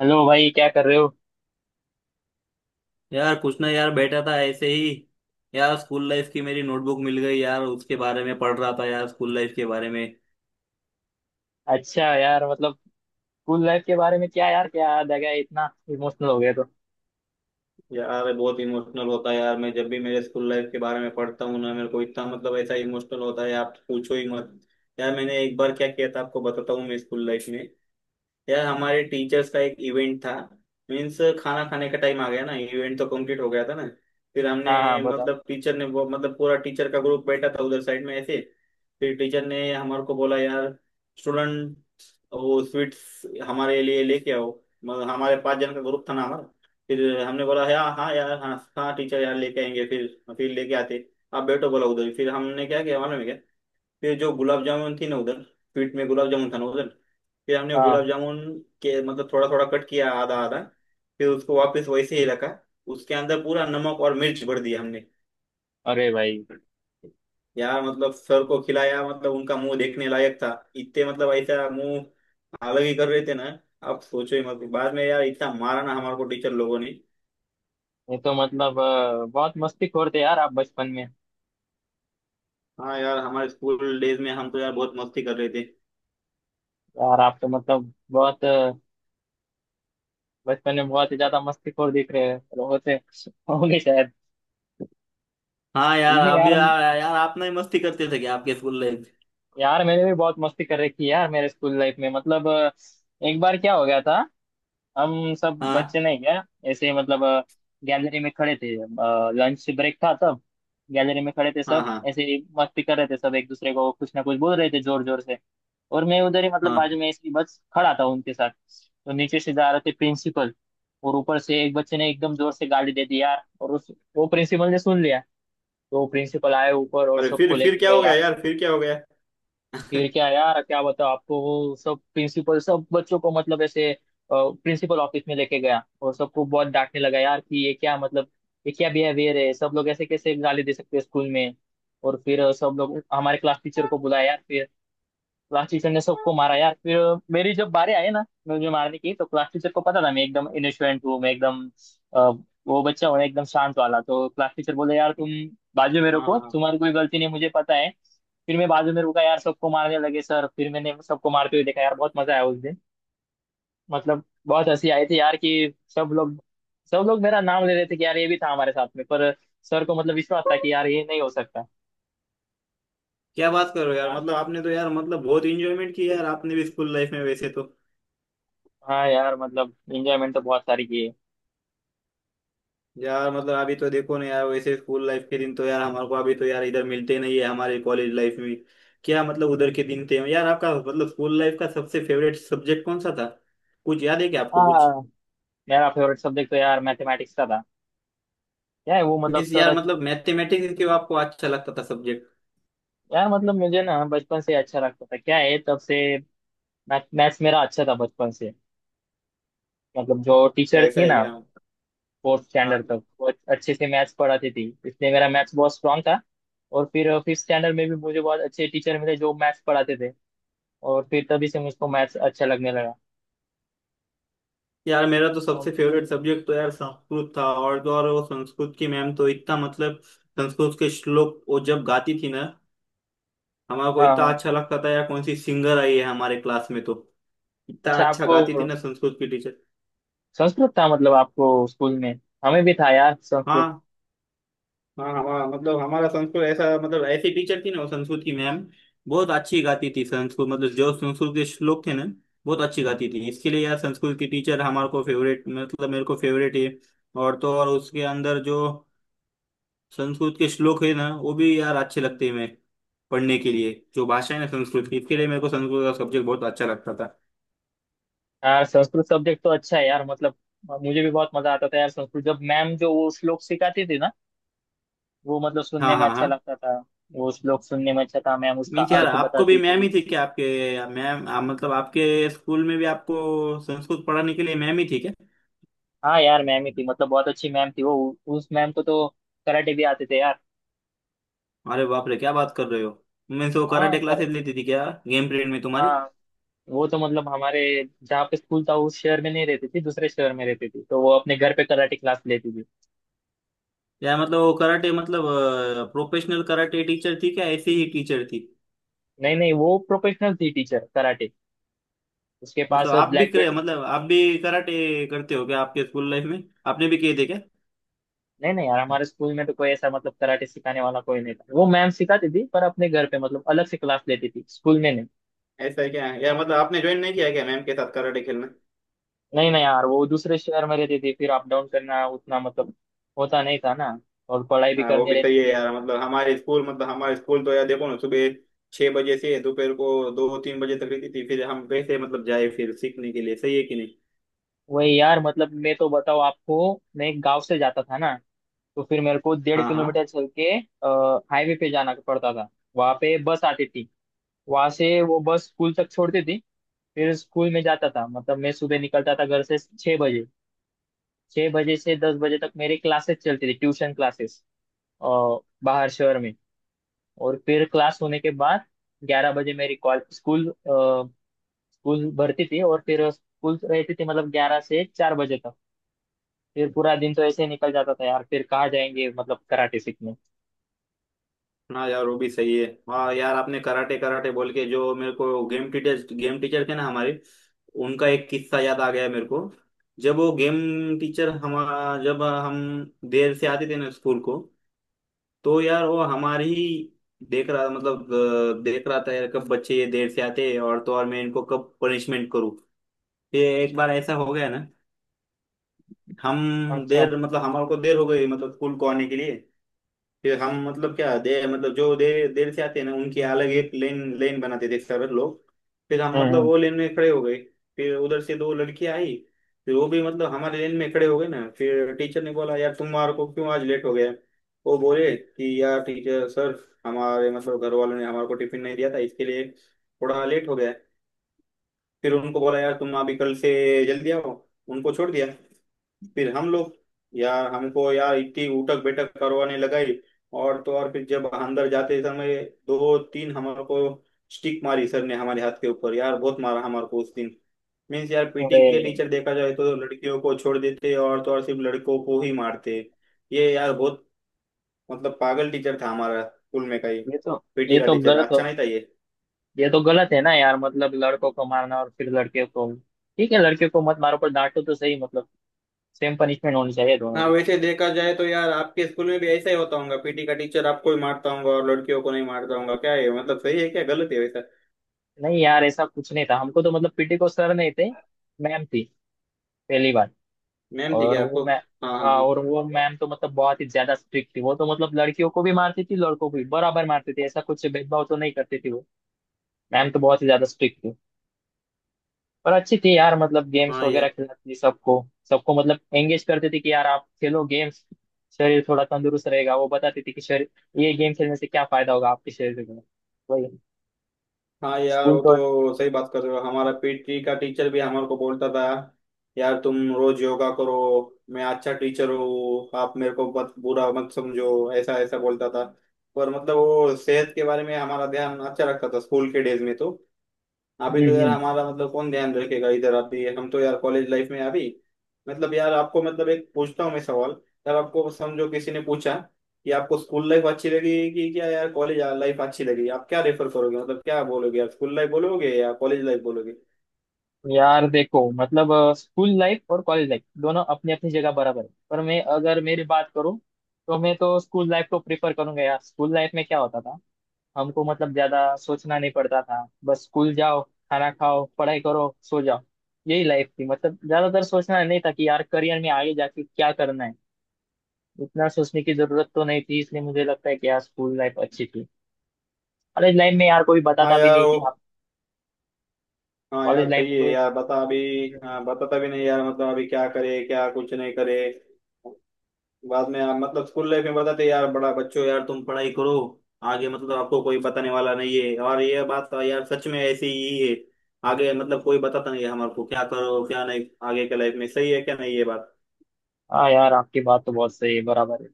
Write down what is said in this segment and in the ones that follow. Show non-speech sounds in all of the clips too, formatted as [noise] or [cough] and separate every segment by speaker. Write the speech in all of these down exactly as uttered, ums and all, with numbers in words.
Speaker 1: Hello भाई, क्या कर रहे हो?
Speaker 2: यार कुछ ना यार बैठा था ऐसे ही। यार स्कूल लाइफ की मेरी नोटबुक मिल गई यार, उसके बारे में पढ़ रहा था यार, स्कूल लाइफ के बारे में।
Speaker 1: अच्छा यार, मतलब स्कूल लाइफ के बारे में क्या यार, क्या याद आ गया, इतना इमोशनल हो गया तो?
Speaker 2: यार मैं बहुत इमोशनल होता है यार, मैं जब भी मेरे स्कूल लाइफ के बारे में पढ़ता हूँ ना मेरे को इतना मतलब ऐसा इमोशनल होता है, आप पूछो ही मत। यार मैंने एक बार क्या किया था आपको बताता हूँ, मैं स्कूल लाइफ में। यार हमारे टीचर्स का एक इवेंट था। मीन्स खाना खाने का टाइम आ गया ना, इवेंट तो कंप्लीट हो गया था ना। फिर
Speaker 1: हाँ हाँ,
Speaker 2: हमने
Speaker 1: बताओ।
Speaker 2: मतलब टीचर ने वो मतलब पूरा टीचर का ग्रुप बैठा था उधर साइड में ऐसे। फिर टीचर ने हमारे को बोला यार, स्टूडेंट तो वो स्वीट्स हमारे लिए लेके आओ। मगर हमारे पाँच जन का ग्रुप था ना हमारा। फिर हमने बोला यार, हाँ यार, हाँ हाँ टीचर, यार लेके आएंगे। फिर फिर लेके आते आप बैठो बोला उधर ही। फिर हमने क्या किया मालूम है क्या? फिर जो गुलाब जामुन थी ना उधर, स्वीट में गुलाब जामुन था ना उधर। फिर हमने गुलाब
Speaker 1: हाँ।
Speaker 2: जामुन के मतलब थोड़ा थोड़ा कट किया, आधा आधा। फिर उसको वापस वैसे ही रखा। उसके अंदर पूरा नमक और मिर्च भर दिया हमने।
Speaker 1: अरे भाई,
Speaker 2: यार मतलब सर को खिलाया, मतलब उनका मुंह देखने लायक था। इतने मतलब ऐसा मुंह अलग ही कर रहे थे ना। आप सोचो ही मत, बाद में यार इतना मारा ना हमारे को टीचर लोगों ने।
Speaker 1: ये तो मतलब अ, बहुत मस्तीखोर थे यार आप बचपन में।
Speaker 2: हाँ यार हमारे स्कूल डेज में हम तो यार बहुत मस्ती कर रहे थे।
Speaker 1: यार आप तो मतलब बहुत अ, बचपन में बहुत ही ज्यादा मस्तीखोर दिख रहे हो, होते [laughs] होंगे शायद।
Speaker 2: हाँ यार
Speaker 1: नहीं
Speaker 2: आप भी
Speaker 1: यार।
Speaker 2: यार, यार आप नहीं मस्ती करते थे क्या आपके स्कूल लाइफ?
Speaker 1: यार मैंने भी बहुत मस्ती कर रखी है यार, मेरे स्कूल लाइफ में मतलब अ, एक बार क्या हो गया था। हम सब बच्चे
Speaker 2: हाँ
Speaker 1: नहीं क्या, ऐसे ही मतलब गैलरी में खड़े थे, लंच ब्रेक था तब। गैलरी में खड़े थे
Speaker 2: हाँ
Speaker 1: सब,
Speaker 2: हाँ
Speaker 1: ऐसे ही मस्ती कर रहे थे, सब एक दूसरे को कुछ ना कुछ बोल रहे थे जोर जोर से। और मैं उधर ही मतलब
Speaker 2: हाँ।
Speaker 1: बाजू में इसकी बस खड़ा था उनके साथ, तो नीचे से जा रहे थे प्रिंसिपल। और ऊपर से एक बच्चे ने एकदम जोर से गाली दे दी यार, और उस वो प्रिंसिपल ने सुन लिया। तो प्रिंसिपल आए ऊपर और
Speaker 2: अरे
Speaker 1: सबको
Speaker 2: फिर फिर
Speaker 1: लेके
Speaker 2: क्या हो गया
Speaker 1: गया।
Speaker 2: यार, फिर क्या हो गया?
Speaker 1: फिर क्या यार, क्या बताओ आपको, वो सब प्रिंसिपल सब बच्चों को मतलब ऐसे प्रिंसिपल ऑफिस में लेके गया और सबको बहुत डांटने लगा यार कि ये क्या मतलब, ये क्या बिहेवियर है, सब लोग ऐसे कैसे गाली दे सकते हैं स्कूल में। और फिर सब लोग हमारे क्लास टीचर को बुलाया यार फिर। क्लास टीचर ने सबको मारा यार फिर। मेरी जब बारी आई ना मुझे मारने की, तो क्लास टीचर को पता था मैं एकदम इनोसेंट हूँ, मैं एकदम अ, वो बच्चा हूँ एकदम शांत वाला। तो क्लास टीचर बोले यार, तुम बाजू में
Speaker 2: हाँ हाँ
Speaker 1: रुको,
Speaker 2: हाँ।
Speaker 1: तुम्हारी कोई गलती नहीं, मुझे पता है। फिर मैं बाजू में रुका यार, सबको मारने लगे सर, फिर मैंने सबको मारते हुए देखा यार, बहुत मजा आया उस दिन। मतलब बहुत हंसी आई थी यार कि सब लोग, सब लोग मेरा नाम ले रहे थे कि यार ये भी था हमारे साथ में, पर सर को मतलब विश्वास था कि यार ये नहीं हो सकता।
Speaker 2: क्या बात कर रहे हो यार,
Speaker 1: यार
Speaker 2: मतलब आपने तो यार मतलब बहुत इंजॉयमेंट किया यार आपने भी स्कूल लाइफ में वैसे तो।
Speaker 1: हाँ यार, मतलब एंजॉयमेंट तो बहुत सारी की है।
Speaker 2: यार मतलब अभी तो देखो ना यार, वैसे स्कूल लाइफ के दिन तो यार हमारे को अभी तो यार इधर मिलते नहीं है हमारे कॉलेज लाइफ में। क्या मतलब उधर के दिन थे यार। आपका मतलब स्कूल लाइफ का सबसे फेवरेट सब्जेक्ट कौन सा था? कुछ याद है क्या आपको कुछ?
Speaker 1: हाँ, मेरा फेवरेट सब्जेक्ट तो यार मैथमेटिक्स का था। क्या है वो, मतलब
Speaker 2: मीन्स
Speaker 1: सर,
Speaker 2: यार मतलब मैथमेटिक्स क्यों आपको अच्छा लगता था सब्जेक्ट?
Speaker 1: यार मतलब मुझे ना बचपन से अच्छा लगता था, क्या है, तब से मैथ मैथ्स मेरा अच्छा था बचपन से। मतलब जो टीचर
Speaker 2: ऐसा
Speaker 1: थी
Speaker 2: है
Speaker 1: ना,
Speaker 2: क्या?
Speaker 1: फोर्थ स्टैंडर्ड
Speaker 2: हाँ
Speaker 1: तक वो अच्छे से मैथ्स पढ़ाती थी, इसलिए मेरा मैथ्स बहुत स्ट्रांग था। और फिर फिफ्थ स्टैंडर्ड में भी मुझे बहुत अच्छे टीचर मिले जो मैथ्स पढ़ाते थे, और फिर तभी से मुझको मैथ्स अच्छा लगने लगा।
Speaker 2: यार, मेरा तो सबसे
Speaker 1: और-
Speaker 2: फेवरेट सब्जेक्ट तो यार संस्कृत था और तो और वो संस्कृत की मैम तो इतना मतलब संस्कृत के श्लोक वो जब गाती थी ना हमारा को
Speaker 1: हाँ
Speaker 2: इतना
Speaker 1: हाँ।
Speaker 2: अच्छा लगता था यार, कौन सी सिंगर आई है हमारे क्लास में तो। इतना
Speaker 1: अच्छा,
Speaker 2: अच्छा
Speaker 1: आपको
Speaker 2: गाती थी ना संस्कृत की टीचर।
Speaker 1: संस्कृत था मतलब आपको स्कूल में? हमें भी था यार संस्कृत।
Speaker 2: हाँ हाँ, हमारा मतलब हमारा संस्कृत ऐसा मतलब ऐसी टीचर थी ना वो संस्कृत की मैम। बहुत अच्छी गाती थी संस्कृत, मतलब जो संस्कृत के श्लोक थे ना बहुत अच्छी गाती थी। इसके लिए यार संस्कृत की टीचर हमारे को फेवरेट, मतलब मेरे को फेवरेट है। और तो और उसके अंदर जो संस्कृत के श्लोक है ना वो भी यार अच्छे लगते हैं मेरे पढ़ने के लिए। जो भाषा है ना संस्कृत की, इसके लिए मेरे को संस्कृत का सब्जेक्ट बहुत अच्छा लगता था।
Speaker 1: यार संस्कृत सब्जेक्ट तो अच्छा है यार, मतलब मुझे भी बहुत मजा आता था यार संस्कृत, जब मैम जो वो श्लोक सिखाती थी ना, वो मतलब सुनने
Speaker 2: हाँ
Speaker 1: में
Speaker 2: हाँ
Speaker 1: अच्छा
Speaker 2: हाँ।
Speaker 1: लगता था। वो श्लोक सुनने में अच्छा था, मैम उसका
Speaker 2: नहीं तो यार
Speaker 1: अर्थ
Speaker 2: आपको भी
Speaker 1: बताती
Speaker 2: मैम
Speaker 1: थी।
Speaker 2: ही थी क्या? आपके मैम, आप मतलब आपके स्कूल में भी आपको संस्कृत पढ़ाने के लिए मैम ही थी क्या?
Speaker 1: हाँ यार, मैम ही थी, मतलब बहुत अच्छी मैम थी वो। उ- उस मैम को तो कराटे भी आते थे यार।
Speaker 2: अरे बाप रे, क्या बात कर रहे हो! मैं तो
Speaker 1: हाँ
Speaker 2: कराटे
Speaker 1: कर
Speaker 2: क्लासेस लेती थी क्या गेम पीरियड में तुम्हारी?
Speaker 1: हाँ, वो तो मतलब हमारे, जहाँ पे स्कूल था उस शहर में नहीं रहती थी, दूसरे शहर में रहती थी, तो वो अपने घर पे कराटे क्लास लेती थी।
Speaker 2: यार मतलब वो कराटे मतलब प्रोफेशनल कराटे टीचर थी क्या, ऐसी ही टीचर थी?
Speaker 1: नहीं नहीं, वो प्रोफेशनल थी टीचर कराटे, उसके
Speaker 2: मतलब
Speaker 1: पास
Speaker 2: आप भी
Speaker 1: ब्लैक।
Speaker 2: करे, मतलब आप भी कराटे करते हो क्या आपके स्कूल लाइफ में? आपने भी किए थे क्या?
Speaker 1: नहीं नहीं यार, हमारे स्कूल में तो कोई ऐसा मतलब कराटे सिखाने वाला कोई नहीं था, वो मैम सिखाती थी पर अपने घर पे मतलब अलग से क्लास लेती थी, स्कूल में नहीं।
Speaker 2: ऐसा है क्या? यार मतलब आपने ज्वाइन नहीं किया क्या मैम के साथ कराटे खेलना?
Speaker 1: नहीं नहीं यार, वो दूसरे शहर में रहती थी, फिर अप डाउन करना उतना मतलब होता नहीं था ना, और पढ़ाई भी
Speaker 2: हाँ वो
Speaker 1: करनी
Speaker 2: भी
Speaker 1: रहती
Speaker 2: सही है
Speaker 1: थी।
Speaker 2: यार। मतलब हमारे स्कूल मतलब हमारे स्कूल तो यार देखो ना, सुबह छह बजे से दोपहर को दो तीन बजे तक रहती थी। फिर हम कैसे मतलब जाए फिर सीखने के लिए, सही है कि नहीं?
Speaker 1: वही यार, मतलब मैं तो बताऊँ आपको, मैं एक गाँव से जाता था ना, तो फिर मेरे को डेढ़
Speaker 2: हाँ हाँ।
Speaker 1: किलोमीटर चल के हाईवे पे जाना पड़ता था। वहां पे बस आती थी, वहां से वो बस स्कूल तक छोड़ती थी। फिर स्कूल में जाता था, मतलब मैं सुबह निकलता था घर से छह बजे। छह बजे से दस बजे तक मेरी क्लासेस चलती थी, ट्यूशन क्लासेस, और बाहर शहर में। और फिर क्लास होने के बाद ग्यारह बजे मेरी कॉल स्कूल अ, स्कूल भरती थी, और फिर स्कूल रहती थी मतलब ग्यारह से चार बजे तक। फिर पूरा दिन तो ऐसे ही निकल जाता था यार, फिर कहाँ जाएंगे मतलब कराटे सीखने।
Speaker 2: हाँ यार वो भी सही है। हाँ यार आपने कराटे कराटे बोल के जो मेरे को गेम टीचर गेम टीचर थे ना हमारे, उनका एक किस्सा याद आ गया मेरे को। जब वो गेम टीचर, हम जब हम देर से आते थे ना स्कूल को तो यार वो हमारी ही देख रहा मतलब अ, देख रहा था यार, कब बच्चे ये देर से आते हैं और तो और मैं इनको कब पनिशमेंट करूँ। ये एक बार ऐसा हो गया ना, हम
Speaker 1: अच्छा।
Speaker 2: देर मतलब हमारे को देर हो गई, मतलब स्कूल को आने के लिए। फिर हम मतलब क्या दे मतलब जो देर देर से आते हैं ना उनकी अलग एक लेन लेन बनाते थे सर लोग। फिर हम मतलब
Speaker 1: हम्म।
Speaker 2: वो लेन में खड़े हो गए। फिर उधर से दो लड़कियां आई। फिर वो भी मतलब हमारे लेन में खड़े हो गए ना। फिर टीचर ने बोला यार, तुम्हारे को क्यों आज लेट हो गया? वो बोले कि यार टीचर सर, हमारे मतलब घर वालों ने हमारे को टिफिन नहीं दिया था इसके लिए थोड़ा लेट हो गया। फिर उनको बोला यार तुम अभी कल से जल्दी आओ, उनको छोड़ दिया। फिर हम लोग यार, हमको यार इतनी उठक बैठक करवाने लगाई। और तो और फिर जब अंदर जाते समय दो तीन हमारे को स्टिक मारी सर ने हमारे हाथ के ऊपर, यार बहुत मारा हमारे को उस दिन। मीन्स यार पीटी
Speaker 1: अरे,
Speaker 2: के टीचर देखा जाए तो लड़कियों को छोड़ देते और तो और सिर्फ लड़कों को ही मारते। ये यार बहुत मतलब पागल टीचर था हमारा स्कूल में का ही।
Speaker 1: ये तो
Speaker 2: पीटी
Speaker 1: ये
Speaker 2: का
Speaker 1: तो
Speaker 2: टीचर
Speaker 1: गलत हो
Speaker 2: अच्छा नहीं था ये।
Speaker 1: ये तो गलत है ना यार, मतलब लड़कों को मारना और फिर लड़कियों को। ठीक है, लड़कियों को मत मारो पर डांटो तो सही, मतलब सेम पनिशमेंट होनी चाहिए दोनों
Speaker 2: हाँ
Speaker 1: को।
Speaker 2: वैसे देखा जाए तो यार आपके स्कूल में भी ऐसा ही होता होगा, पीटी का टीचर आपको ही मारता होगा और लड़कियों को नहीं मारता होगा क्या है, मतलब सही है क्या गलत है वैसा?
Speaker 1: नहीं यार, ऐसा कुछ नहीं था, हमको तो मतलब पी टी को सर नहीं थे, मैम थी। पहली बार।
Speaker 2: मैम ठीक
Speaker 1: और
Speaker 2: है
Speaker 1: वो
Speaker 2: आपको?
Speaker 1: मैं
Speaker 2: हाँ
Speaker 1: हाँ,
Speaker 2: हाँ।
Speaker 1: और वो मैम तो मतलब बहुत ही ज्यादा स्ट्रिक्ट थी, वो तो मतलब लड़कियों को भी मारती थी लड़कों को भी बराबर मारती थी, ऐसा कुछ भेदभाव तो नहीं करती थी वो। मैम तो बहुत ही ज्यादा स्ट्रिक्ट थी, पर अच्छी थी यार, मतलब
Speaker 2: हाँ
Speaker 1: गेम्स
Speaker 2: हाँ
Speaker 1: वगैरह
Speaker 2: यार।
Speaker 1: खिलाती थी सबको, सबको मतलब एंगेज करती थी कि यार आप खेलो गेम्स, शरीर थोड़ा तंदुरुस्त रहेगा, वो बताती थी कि शरीर, ये गेम खेलने से क्या फायदा होगा आपके शरीर को। वही,
Speaker 2: हाँ यार
Speaker 1: स्कूल
Speaker 2: वो
Speaker 1: तो।
Speaker 2: तो सही बात कर रहे हो, हमारा पीटी का टीचर भी हमारे को बोलता था यार तुम रोज योगा करो, मैं अच्छा टीचर हूँ, आप मेरे को मत बुरा मत समझो, ऐसा ऐसा बोलता था। पर मतलब वो सेहत के बारे में हमारा ध्यान अच्छा रखता था स्कूल के डेज में तो। अभी
Speaker 1: हम्म
Speaker 2: तो यार
Speaker 1: हम्म।
Speaker 2: हमारा मतलब कौन ध्यान रखेगा इधर, अभी हम तो यार कॉलेज लाइफ में अभी। मतलब यार आपको, मतलब एक पूछता हूँ मैं सवाल। यार आपको समझो किसी ने पूछा कि आपको स्कूल लाइफ अच्छी लगी कि क्या यार कॉलेज लाइफ अच्छी लगी, आप क्या रेफर करोगे, मतलब क्या बोलोगे यार, स्कूल लाइफ बोलोगे या कॉलेज लाइफ बोलोगे?
Speaker 1: यार देखो मतलब, स्कूल लाइफ और कॉलेज लाइफ दोनों अपनी अपनी जगह बराबर है, पर मैं अगर मेरी बात करूँ तो मैं तो स्कूल लाइफ को प्रेफर करूंगा। यार स्कूल लाइफ में क्या होता था, हमको मतलब ज्यादा सोचना नहीं पड़ता था, बस स्कूल जाओ, खाना खाओ, पढ़ाई करो, सो जाओ, यही लाइफ थी। मतलब ज्यादातर सोचना नहीं था कि यार करियर में आगे जाके क्या करना है, इतना सोचने की जरूरत तो नहीं थी, इसलिए मुझे लगता है कि यार स्कूल लाइफ अच्छी थी। कॉलेज लाइफ में यार कोई
Speaker 2: हाँ
Speaker 1: बताता भी
Speaker 2: यार
Speaker 1: नहीं
Speaker 2: वो,
Speaker 1: कि आप,
Speaker 2: हाँ
Speaker 1: कॉलेज
Speaker 2: यार
Speaker 1: लाइफ
Speaker 2: सही
Speaker 1: में
Speaker 2: है
Speaker 1: कोई,
Speaker 2: यार, बता अभी। हाँ बताता भी नहीं यार मतलब अभी क्या करे क्या कुछ नहीं करे। बाद में आप मतलब स्कूल लाइफ में बताते यार, बड़ा बच्चों यार तुम पढ़ाई करो। आगे मतलब आपको कोई बताने वाला नहीं है, और ये बात तो यार सच में ऐसी ही है। आगे मतलब कोई बताता नहीं है हमारे को क्या करो क्या नहीं आगे के लाइफ में, सही है क्या नहीं ये बात?
Speaker 1: हाँ यार आपकी बात तो बहुत सही है, बराबर है,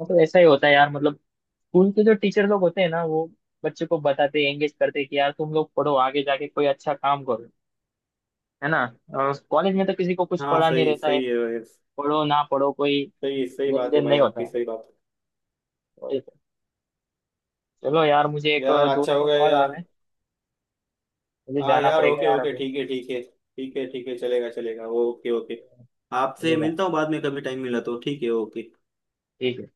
Speaker 1: मतलब ऐसा ही होता है यार, मतलब स्कूल के जो टीचर लोग होते हैं ना, वो बच्चे को बताते, एंगेज करते हैं कि यार तुम लोग पढ़ो, आगे जाके कोई अच्छा काम करो, है ना। कॉलेज में तो किसी को कुछ
Speaker 2: हाँ
Speaker 1: पढ़ा नहीं
Speaker 2: सही
Speaker 1: रहता है,
Speaker 2: सही है भाई।
Speaker 1: पढ़ो ना पढ़ो कोई
Speaker 2: सही सही
Speaker 1: लेन
Speaker 2: बात है
Speaker 1: देन
Speaker 2: भाई,
Speaker 1: नहीं होता
Speaker 2: आपकी
Speaker 1: है, वही।
Speaker 2: सही बात
Speaker 1: तो ये- तो, चलो यार, मुझे
Speaker 2: है।
Speaker 1: एक
Speaker 2: यार
Speaker 1: दोस्त
Speaker 2: अच्छा
Speaker 1: का
Speaker 2: हो गया
Speaker 1: कॉल आ
Speaker 2: यार।
Speaker 1: रहा है, मुझे
Speaker 2: हाँ
Speaker 1: जाना
Speaker 2: यार
Speaker 1: पड़ेगा
Speaker 2: ओके
Speaker 1: यार
Speaker 2: ओके,
Speaker 1: अभी।
Speaker 2: ठीक है ठीक है, ठीक है ठीक है, चलेगा चलेगा, ओके ओके। आपसे
Speaker 1: मुझे जाना-
Speaker 2: मिलता हूँ बाद में कभी टाइम मिला तो, ठीक है, ओके।
Speaker 1: ठीक है।